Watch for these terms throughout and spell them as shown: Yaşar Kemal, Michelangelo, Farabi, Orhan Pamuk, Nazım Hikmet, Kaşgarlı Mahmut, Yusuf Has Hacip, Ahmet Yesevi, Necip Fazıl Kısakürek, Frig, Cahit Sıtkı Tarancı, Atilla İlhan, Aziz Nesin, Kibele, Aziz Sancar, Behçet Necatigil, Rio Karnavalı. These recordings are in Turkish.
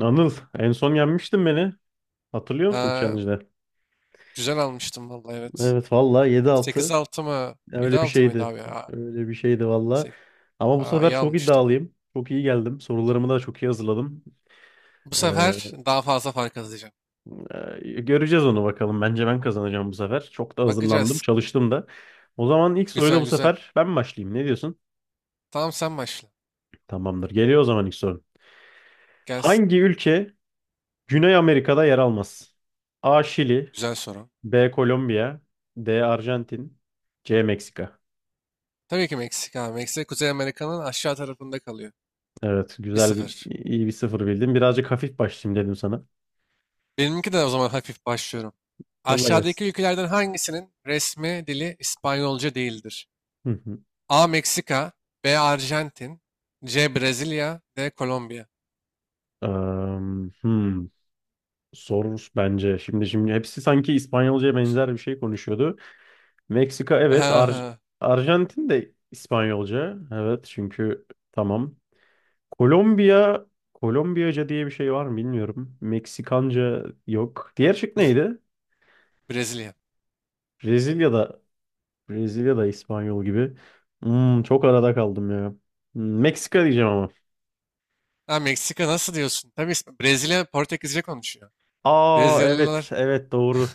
Anıl en son yenmiştin beni. Hatırlıyor musun Ha, challenge'de? güzel almıştım vallahi, evet. Evet valla sekiz 7-6 altı mı, yedi öyle bir altı mıydı şeydi. abi ya? Öyle bir şeydi valla. 8. Ama bu Aa, sefer iyi çok almıştım. iddialıyım. Çok iyi geldim. Sorularımı da çok iyi hazırladım. Bu Ee, sefer daha fazla fark atacağım. Göreceğiz onu bakalım. Bence ben kazanacağım bu sefer. Çok da hazırlandım. Bakacağız. Çalıştım da. O zaman ilk soruyla Güzel bu güzel. sefer ben başlayayım. Ne diyorsun? Tamam, sen başla. Tamamdır. Geliyor o zaman ilk soru. Gelsin. Hangi ülke Güney Amerika'da yer almaz? A. Şili, Güzel soru. B. Kolombiya, D. Arjantin, C. Meksika. Tabii ki Meksika, abi. Meksika Kuzey Amerika'nın aşağı tarafında kalıyor. Evet, bir güzel bir sıfır iyi bir sıfır bildin. Birazcık hafif başlayayım dedim sana. Benimki de o zaman hafif başlıyorum. Yolla Aşağıdaki gelsin. ülkelerden hangisinin resmi dili İspanyolca değildir? Hı hı. A. Meksika, B. Arjantin, C. Brezilya, D. Kolombiya. Am, hmm. Zor bence. Şimdi hepsi sanki İspanyolca'ya benzer bir şey konuşuyordu. Meksika evet, Arjantin de İspanyolca. Evet çünkü tamam. Kolombiya, Kolombiyaca diye bir şey var mı bilmiyorum. Meksikanca yok. Diğer şık neydi? Brezilya. Brezilya'da Brezilya'da İspanyol gibi. Hmm, çok arada kaldım ya. Hmm, Meksika diyeceğim ama. Ha, Meksika nasıl diyorsun? Tabii, Brezilya Portekizce konuşuyor. Aa evet Brezilyalılar evet doğru.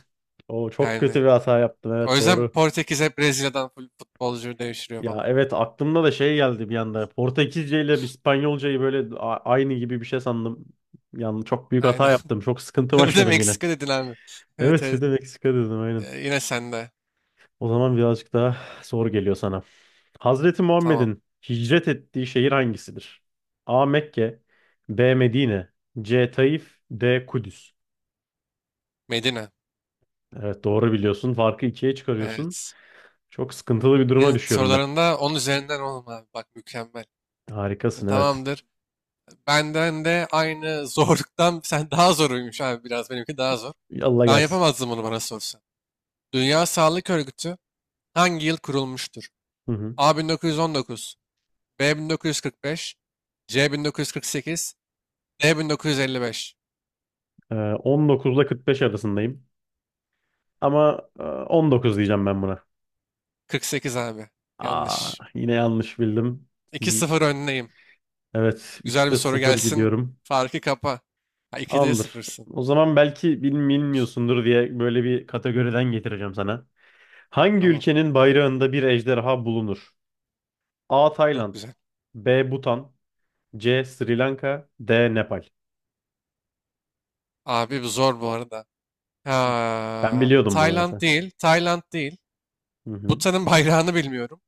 O çok kötü yani. bir hata yaptım, O evet yüzden doğru. Portekiz hep Brezilya'dan full futbolcu devşiriyor Ya falan. evet aklımda da şey geldi bir anda. Portekizce ile İspanyolcayı böyle aynı gibi bir şey sandım. Yani çok büyük hata Aynen. yaptım. Çok sıkıntı Bir de başladım yine. Meksika dedin abi. Evet, Evet bir evet. de Meksika dedim aynen. Yine sende. O zaman birazcık daha zor geliyor sana. Hazreti Tamam. Muhammed'in hicret ettiği şehir hangisidir? A. Mekke, B. Medine, C. Taif, D. Kudüs. Medine. Evet doğru biliyorsun. Farkı ikiye çıkarıyorsun. Evet. Çok sıkıntılı bir duruma Senin düşüyorum ben. sorularında 10 üzerinden, oğlum abi. Bak, mükemmel. Harikasın evet. Tamamdır. Benden de aynı zorluktan sen daha zoruymuş abi, biraz. Benimki daha zor. Allah Ben gelsin. yapamazdım bunu, bana sorsan. Dünya Sağlık Örgütü hangi yıl kurulmuştur? Hı hı. A 1919, B 1945, C 1948, D 1955. 19 ile 45 arasındayım. Ama 19 diyeceğim ben buna. 48 abi. Aa, Yanlış. yine yanlış bildim. Hmm, 2-0 önleyim. evet Güzel bir 3'te soru 0 gelsin. gidiyorum. Farkı kapa. Ha, 2'de Tamamdır. 0'sın. O zaman belki bilmiyorsundur diye böyle bir kategoriden getireceğim sana. Hangi Tamam. ülkenin bayrağında bir ejderha bulunur? A. Çok Tayland, güzel. B. Bhutan, C. Sri Lanka, D. Nepal. Abi bu zor bu arada. Ben Ha, biliyordum bunu Tayland mesela. değil. Tayland değil. Hı hı. Bhutan'ın bayrağını bilmiyorum.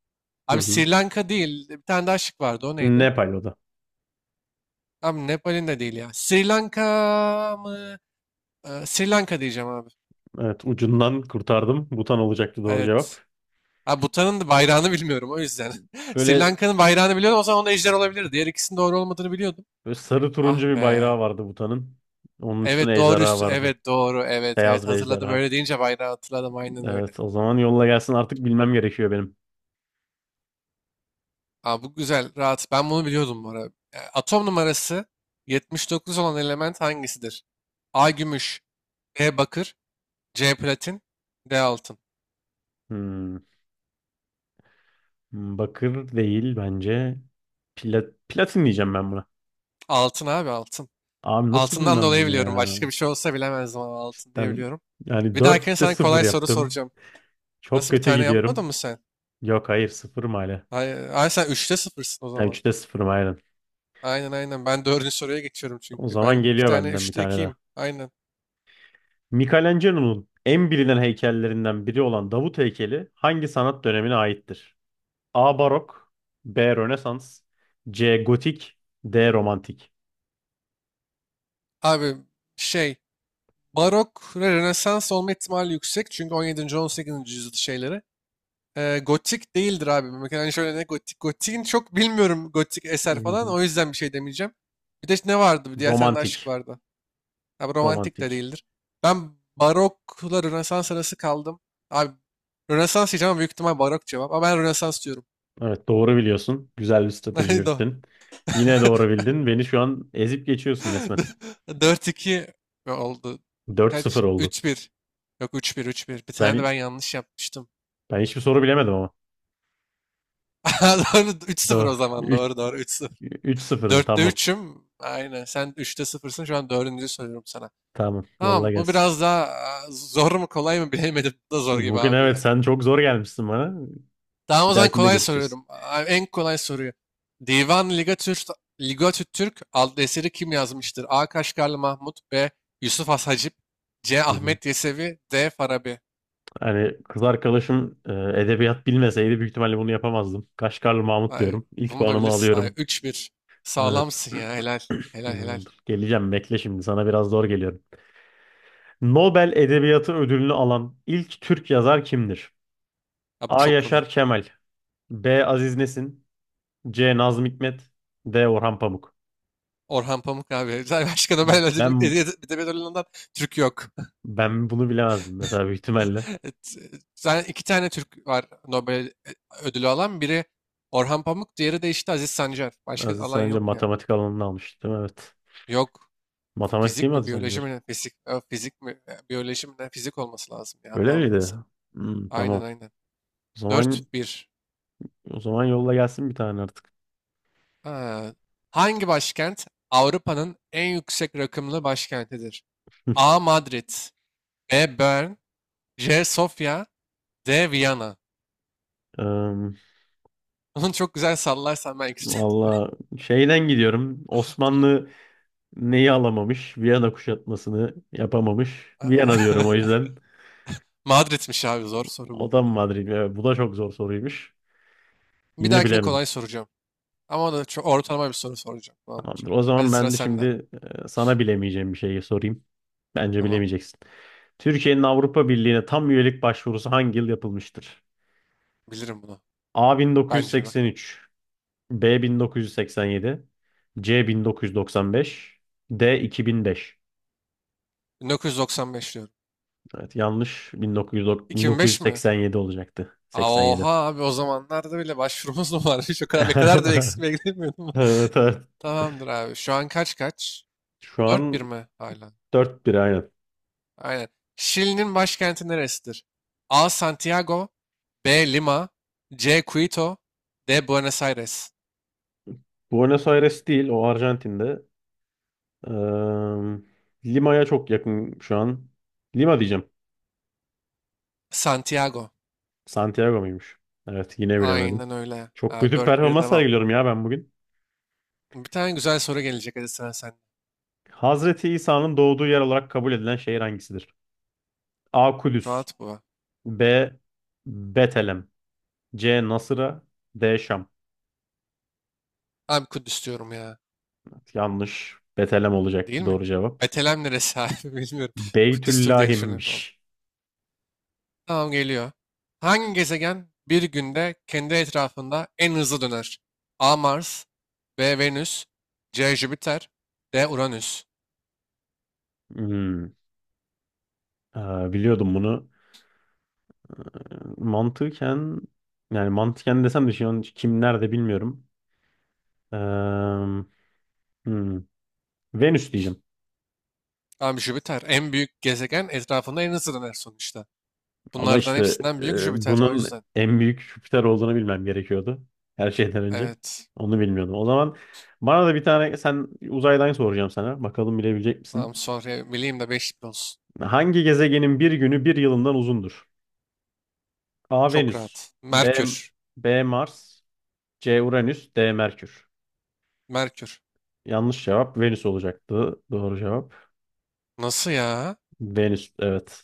Hı Abi, hı. Sri Lanka değil. Bir tane daha şık vardı. O neydi? Nepal o da. Abi Nepal'in de değil ya. Sri Lanka mı? Sri Lanka diyeceğim abi. Evet ucundan kurtardım. Butan olacaktı doğru cevap. Evet. Ha, Bhutan'ın da bayrağını bilmiyorum o yüzden. Sri Böyle, Lanka'nın bayrağını biliyordum, o zaman onda ejder olabilir. Diğer ikisinin doğru olmadığını biliyordum. böyle sarı Ah turuncu bir be. bayrağı vardı Butan'ın. Onun Evet, üstüne doğru. ejderha vardı. Evet, doğru. Evet, evet, Beyaz bir hatırladım, ejderha. öyle deyince bayrağı hatırladım, aynen öyle. Evet o zaman yolla gelsin artık bilmem gerekiyor benim. Aa, bu güzel, rahat. Ben bunu biliyordum bu arada. Atom numarası 79 olan element hangisidir? A gümüş, B bakır, C platin, D altın. Hmm, bakır değil bence. Platin diyeceğim ben buna. Altın abi, altın. Abi nasıl Altından bilmem dolayı bunu biliyorum. ya. Başka bir şey olsa bilemezdim ama altın diye Cidden biliyorum. yani Bir dahakine dörtte sana sıfır kolay soru yaptım. soracağım. Çok Nasıl, bir kötü tane yapmadın gidiyorum. mı sen? Yok hayır 0 hala. Ay, ay, sen üçte sıfırsın o Yani zaman. 3'te 0 aynen. Aynen, aynen. Ben dördüncü soruya geçiyorum O çünkü. zaman Ben 2 geliyor tane benden bir 3'te tane daha. 2'yim. Aynen. Michelangelo'nun en bilinen heykellerinden biri olan Davut heykeli hangi sanat dönemine aittir? A. Barok, B. Rönesans, C. Gotik, D. Romantik. Abi şey, barok ve rönesans olma ihtimali yüksek. Çünkü 17. 18. yüzyıl şeyleri. Gotik değildir abi. Mesela şöyle, ne gotik? Gotik'in çok bilmiyorum, gotik Hı eser falan. hı. O yüzden bir şey demeyeceğim. Bir de ne vardı? Bir diğer tane de aşık Romantik. vardı. Abi romantik de Romantik. değildir. Ben barokla rönesans arası kaldım. Abi, rönesans diyeceğim ama büyük ihtimal barok cevap. Ama ben rönesans diyorum. Evet doğru biliyorsun. Güzel bir strateji Doğru. yürüttün. Yine doğru bildin. Beni şu an ezip geçiyorsun resmen. 4-2 oldu. Dört Kaç? sıfır oldu. 3-1. Yok, 3-1, 3-1. Bir tane de Ben ben yanlış yapmıştım. ben hiçbir soru bilemedim ama. Doğru, 3-0 Doğru. o zaman. Doğru, doğru, 3-0. Üç, 0 mı? 4'te Tamam. 3'üm. Aynen. Sen üçte 0'sın. Şu an dördüncü soruyorum sana. Tamam. Yolla Tamam, bu gelsin. biraz daha zor mu kolay mı bilemedim. Bu da zor gibi Bugün abi evet ya. sen çok zor gelmişsin bana. Tamam o Bir zaman dahakinde kolay görüşeceğiz. soruyorum. En kolay soruyu. Divan Ligatür Ligatü Türk adlı eseri kim yazmıştır? A. Kaşgarlı Mahmut, B. Yusuf Has Hacip, C. Hı hı. Ahmet Yesevi, D. Farabi. Hani kız arkadaşım edebiyat bilmeseydi büyük ihtimalle bunu yapamazdım. Kaşgarlı Mahmut Hayır, diyorum. İlk bunu da puanımı bilirsin. Hayır, alıyorum. 3-1. Evet. Sağlamsın ya. Helal. Helal, helal. Dur, geleceğim bekle şimdi. Sana biraz zor geliyorum. Nobel Edebiyatı Ödülünü alan ilk Türk yazar kimdir? Abi A. çok kolay. Yaşar Kemal, B. Aziz Nesin, C. Nazım Hikmet, D. Orhan Pamuk. Orhan Pamuk abi. Zaten başka Nobel ödülü, Ben Edebiyat Ödülü'nden Türk yok. ben bunu bilemezdim mesela büyük ihtimalle. Et- Zaten iki tane Türk var Nobel ödülü alan. Biri Orhan Pamuk, diğeri de işte Aziz Sancar. Başka Aziz alan Sancar yok yani. matematik alanını almıştı değil mi? Evet. Yok. Matematik değil Fizik mi mi, Aziz biyoloji Sancar? mi, ne? Fizik, fizik mi, biyoloji mi, ne? Fizik olması lazım ya. Öyle Hatalı miydi? değilsem. Hmm, tamam. Aynen, aynen. O zaman 4-1. O zaman yolla gelsin bir tane artık. Ha, hangi başkent Avrupa'nın en yüksek rakımlı başkentidir? A. Madrid, B. Bern, C. Sofya, D. Viyana. Em, Bunu çok güzel sallarsan belki. valla şeyden gidiyorum. Osmanlı neyi alamamış? Viyana kuşatmasını yapamamış. Viyana diyorum o yüzden. Madrid'miş abi, zor soru O bu da mı arada. Madrid mi? Evet, bu da çok zor soruymuş. Bir Yine dahakini bilemedim. kolay soracağım. Ama da çok ortalama bir soru soracağım. Tamamdır. Tamamdır. O Hadi, zaman sıra ben de sende. şimdi sana bilemeyeceğim bir şeyi sorayım. Bence Tamam. bilemeyeceksin. Türkiye'nin Avrupa Birliği'ne tam üyelik başvurusu hangi yıl yapılmıştır? Bilirim bunu. A Bence bakalım. 1983, B 1987, C 1995, D 2005. 1995 diyorum. Evet, yanlış, 1909 2005 mi? 1987 olacaktı. Aa, 87. oha abi, o zamanlarda bile başvurumuz mu varmış? O kadar, ne kadar da eksikliğe gidemiyordum. Evet, evet. Tamamdır abi. Şu an kaç kaç? Şu Dört an bir mi hala? dört bir aynen. Aynen. Şili'nin başkenti neresidir? A. Santiago, B. Lima, C. Quito, D. Buenos Aires. Buenos Aires değil, o Arjantin'de. Eee, Lima'ya çok yakın şu an. Lima diyeceğim. Santiago. Santiago muymuş? Evet, yine bilemedim. Aynen öyle. Çok Abi kötü bir 4-1, performans devam. sergiliyorum ya ben bugün. Bir tane güzel soru gelecek. Hadi sıra sen. Hazreti İsa'nın doğduğu yer olarak kabul edilen şehir hangisidir? A. Kudüs, Rahat bu. B. Betlem, C. Nasıra, D. Şam. Abi Kudüs diyorum ya. Yanlış. Betelem Değil olacaktı mi? doğru cevap. Betlem neresi abi? Bilmiyorum. Kudüs'tür diye düşünüyorum. Beytüllahim'miş. Tamam, geliyor. Hangi gezegen bir günde kendi etrafında en hızlı döner? A. Mars, B. Venüs, C. Jüpiter, D. Uranüs. Hmm. Aa, biliyordum bunu. Mantıken yani mantıken desem de şu an kim nerede bilmiyorum. Ee, hmm. Venüs diyeceğim. Tamam, Jüpiter. En büyük gezegen etrafında en hızlı döner sonuçta. Ama Bunlardan işte hepsinden büyük Jüpiter, o bunun yüzden. en büyük Jüpiter olduğunu bilmem gerekiyordu. Her şeyden önce. Evet. Onu bilmiyordum. O zaman bana da bir tane sen uzaydan soracağım sana. Bakalım bilebilecek Tamam, misin? sonra bileyim de beş olsun. Hangi gezegenin bir günü bir yılından uzundur? A Çok Venüs, rahat. B Merkür. B Mars, C Uranüs, D Merkür. Merkür. Yanlış cevap Venüs olacaktı. Doğru cevap Nasıl ya? Venüs. Evet.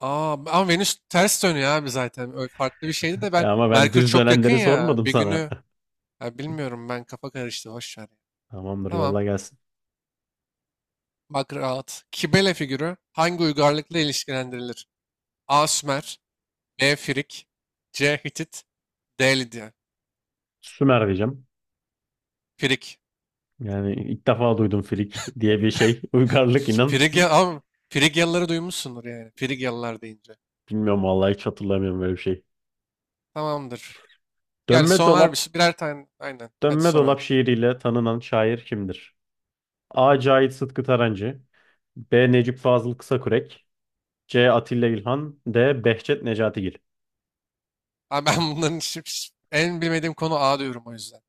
Aa, ama Venüs ters dönüyor abi zaten. Öyle farklı bir şeydi de, E ben ama ben Merkür düz çok yakın dönenleri ya. sormadım Bir sana. günü, ya bilmiyorum ben, kafa karıştı. Hoş ver. Tamamdır, Tamam. yolla gelsin. Bak, rahat. Kibele figürü hangi uygarlıkla ilişkilendirilir? A. Sümer, B. Frig, C. Hitit, D. Lidya. Sümer diyeceğim. Frig. Yani ilk defa duydum frik diye bir şey. Uygarlık inan. Frigya ama, Frigyalıları duymuşsundur yani. Frigyalılar deyince. Bilmiyorum vallahi hiç hatırlamıyorum böyle bir şey. Tamamdır. Yani Dönme soner dolap, birer tane. Aynen. Hadi dönme sor dolap abi. şiiriyle tanınan şair kimdir? A. Cahit Sıtkı Tarancı, B. Necip Fazıl Kısakürek, C. Atilla İlhan, D. Behçet Necatigil. Abi, ben bunların en bilmediğim konu, A diyorum o yüzden.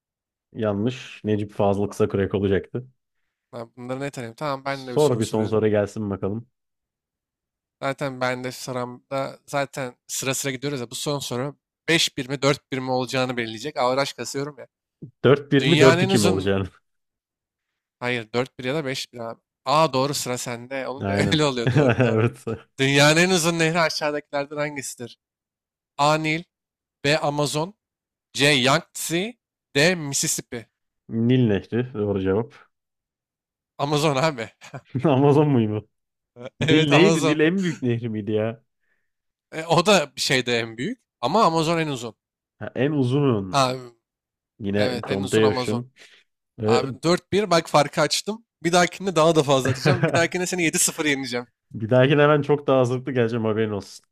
Yanlış. Necip Fazıl kısa kürek olacaktı. Ben bunları ne tanıyorum? Tamam, ben de bir Sor soru bir son soruyorum. soru gelsin bakalım. Zaten ben de sıramda, zaten sıra sıra gidiyoruz ya. Bu son soru 5-1 mi 4 bir mi olacağını belirleyecek. Averaj kasıyorum ya. Dört bir mi Dünyanın dört en iki mi uzun... olacağını? Hayır, 4-1 ya da 5-1 abi. Aa, doğru, sıra sende. Olunca Aynen. öyle oluyor, doğru, doğru. Evet. Dünyanın en uzun nehri aşağıdakilerden hangisidir? A. Nil, B. Amazon, C. Yangtze, D. Mississippi. Nil Nehri doğru cevap. Amazon abi. Amazon muydu? Nil Evet, neydi? Nil Amazon. en büyük nehri miydi ya? O da bir şeyde en büyük. Ama Amazon en uzun. Ha, en uzun. Abi, Yine evet, en uzun contaya Amazon. düştüm. Ve- Abi 4-1, bak farkı açtım. Bir dahakinde daha da fazla atacağım. Bir dahakinde seni 7-0 yeneceğim. Bir dahakine hemen çok daha hazırlıklı geleceğim haberin olsun.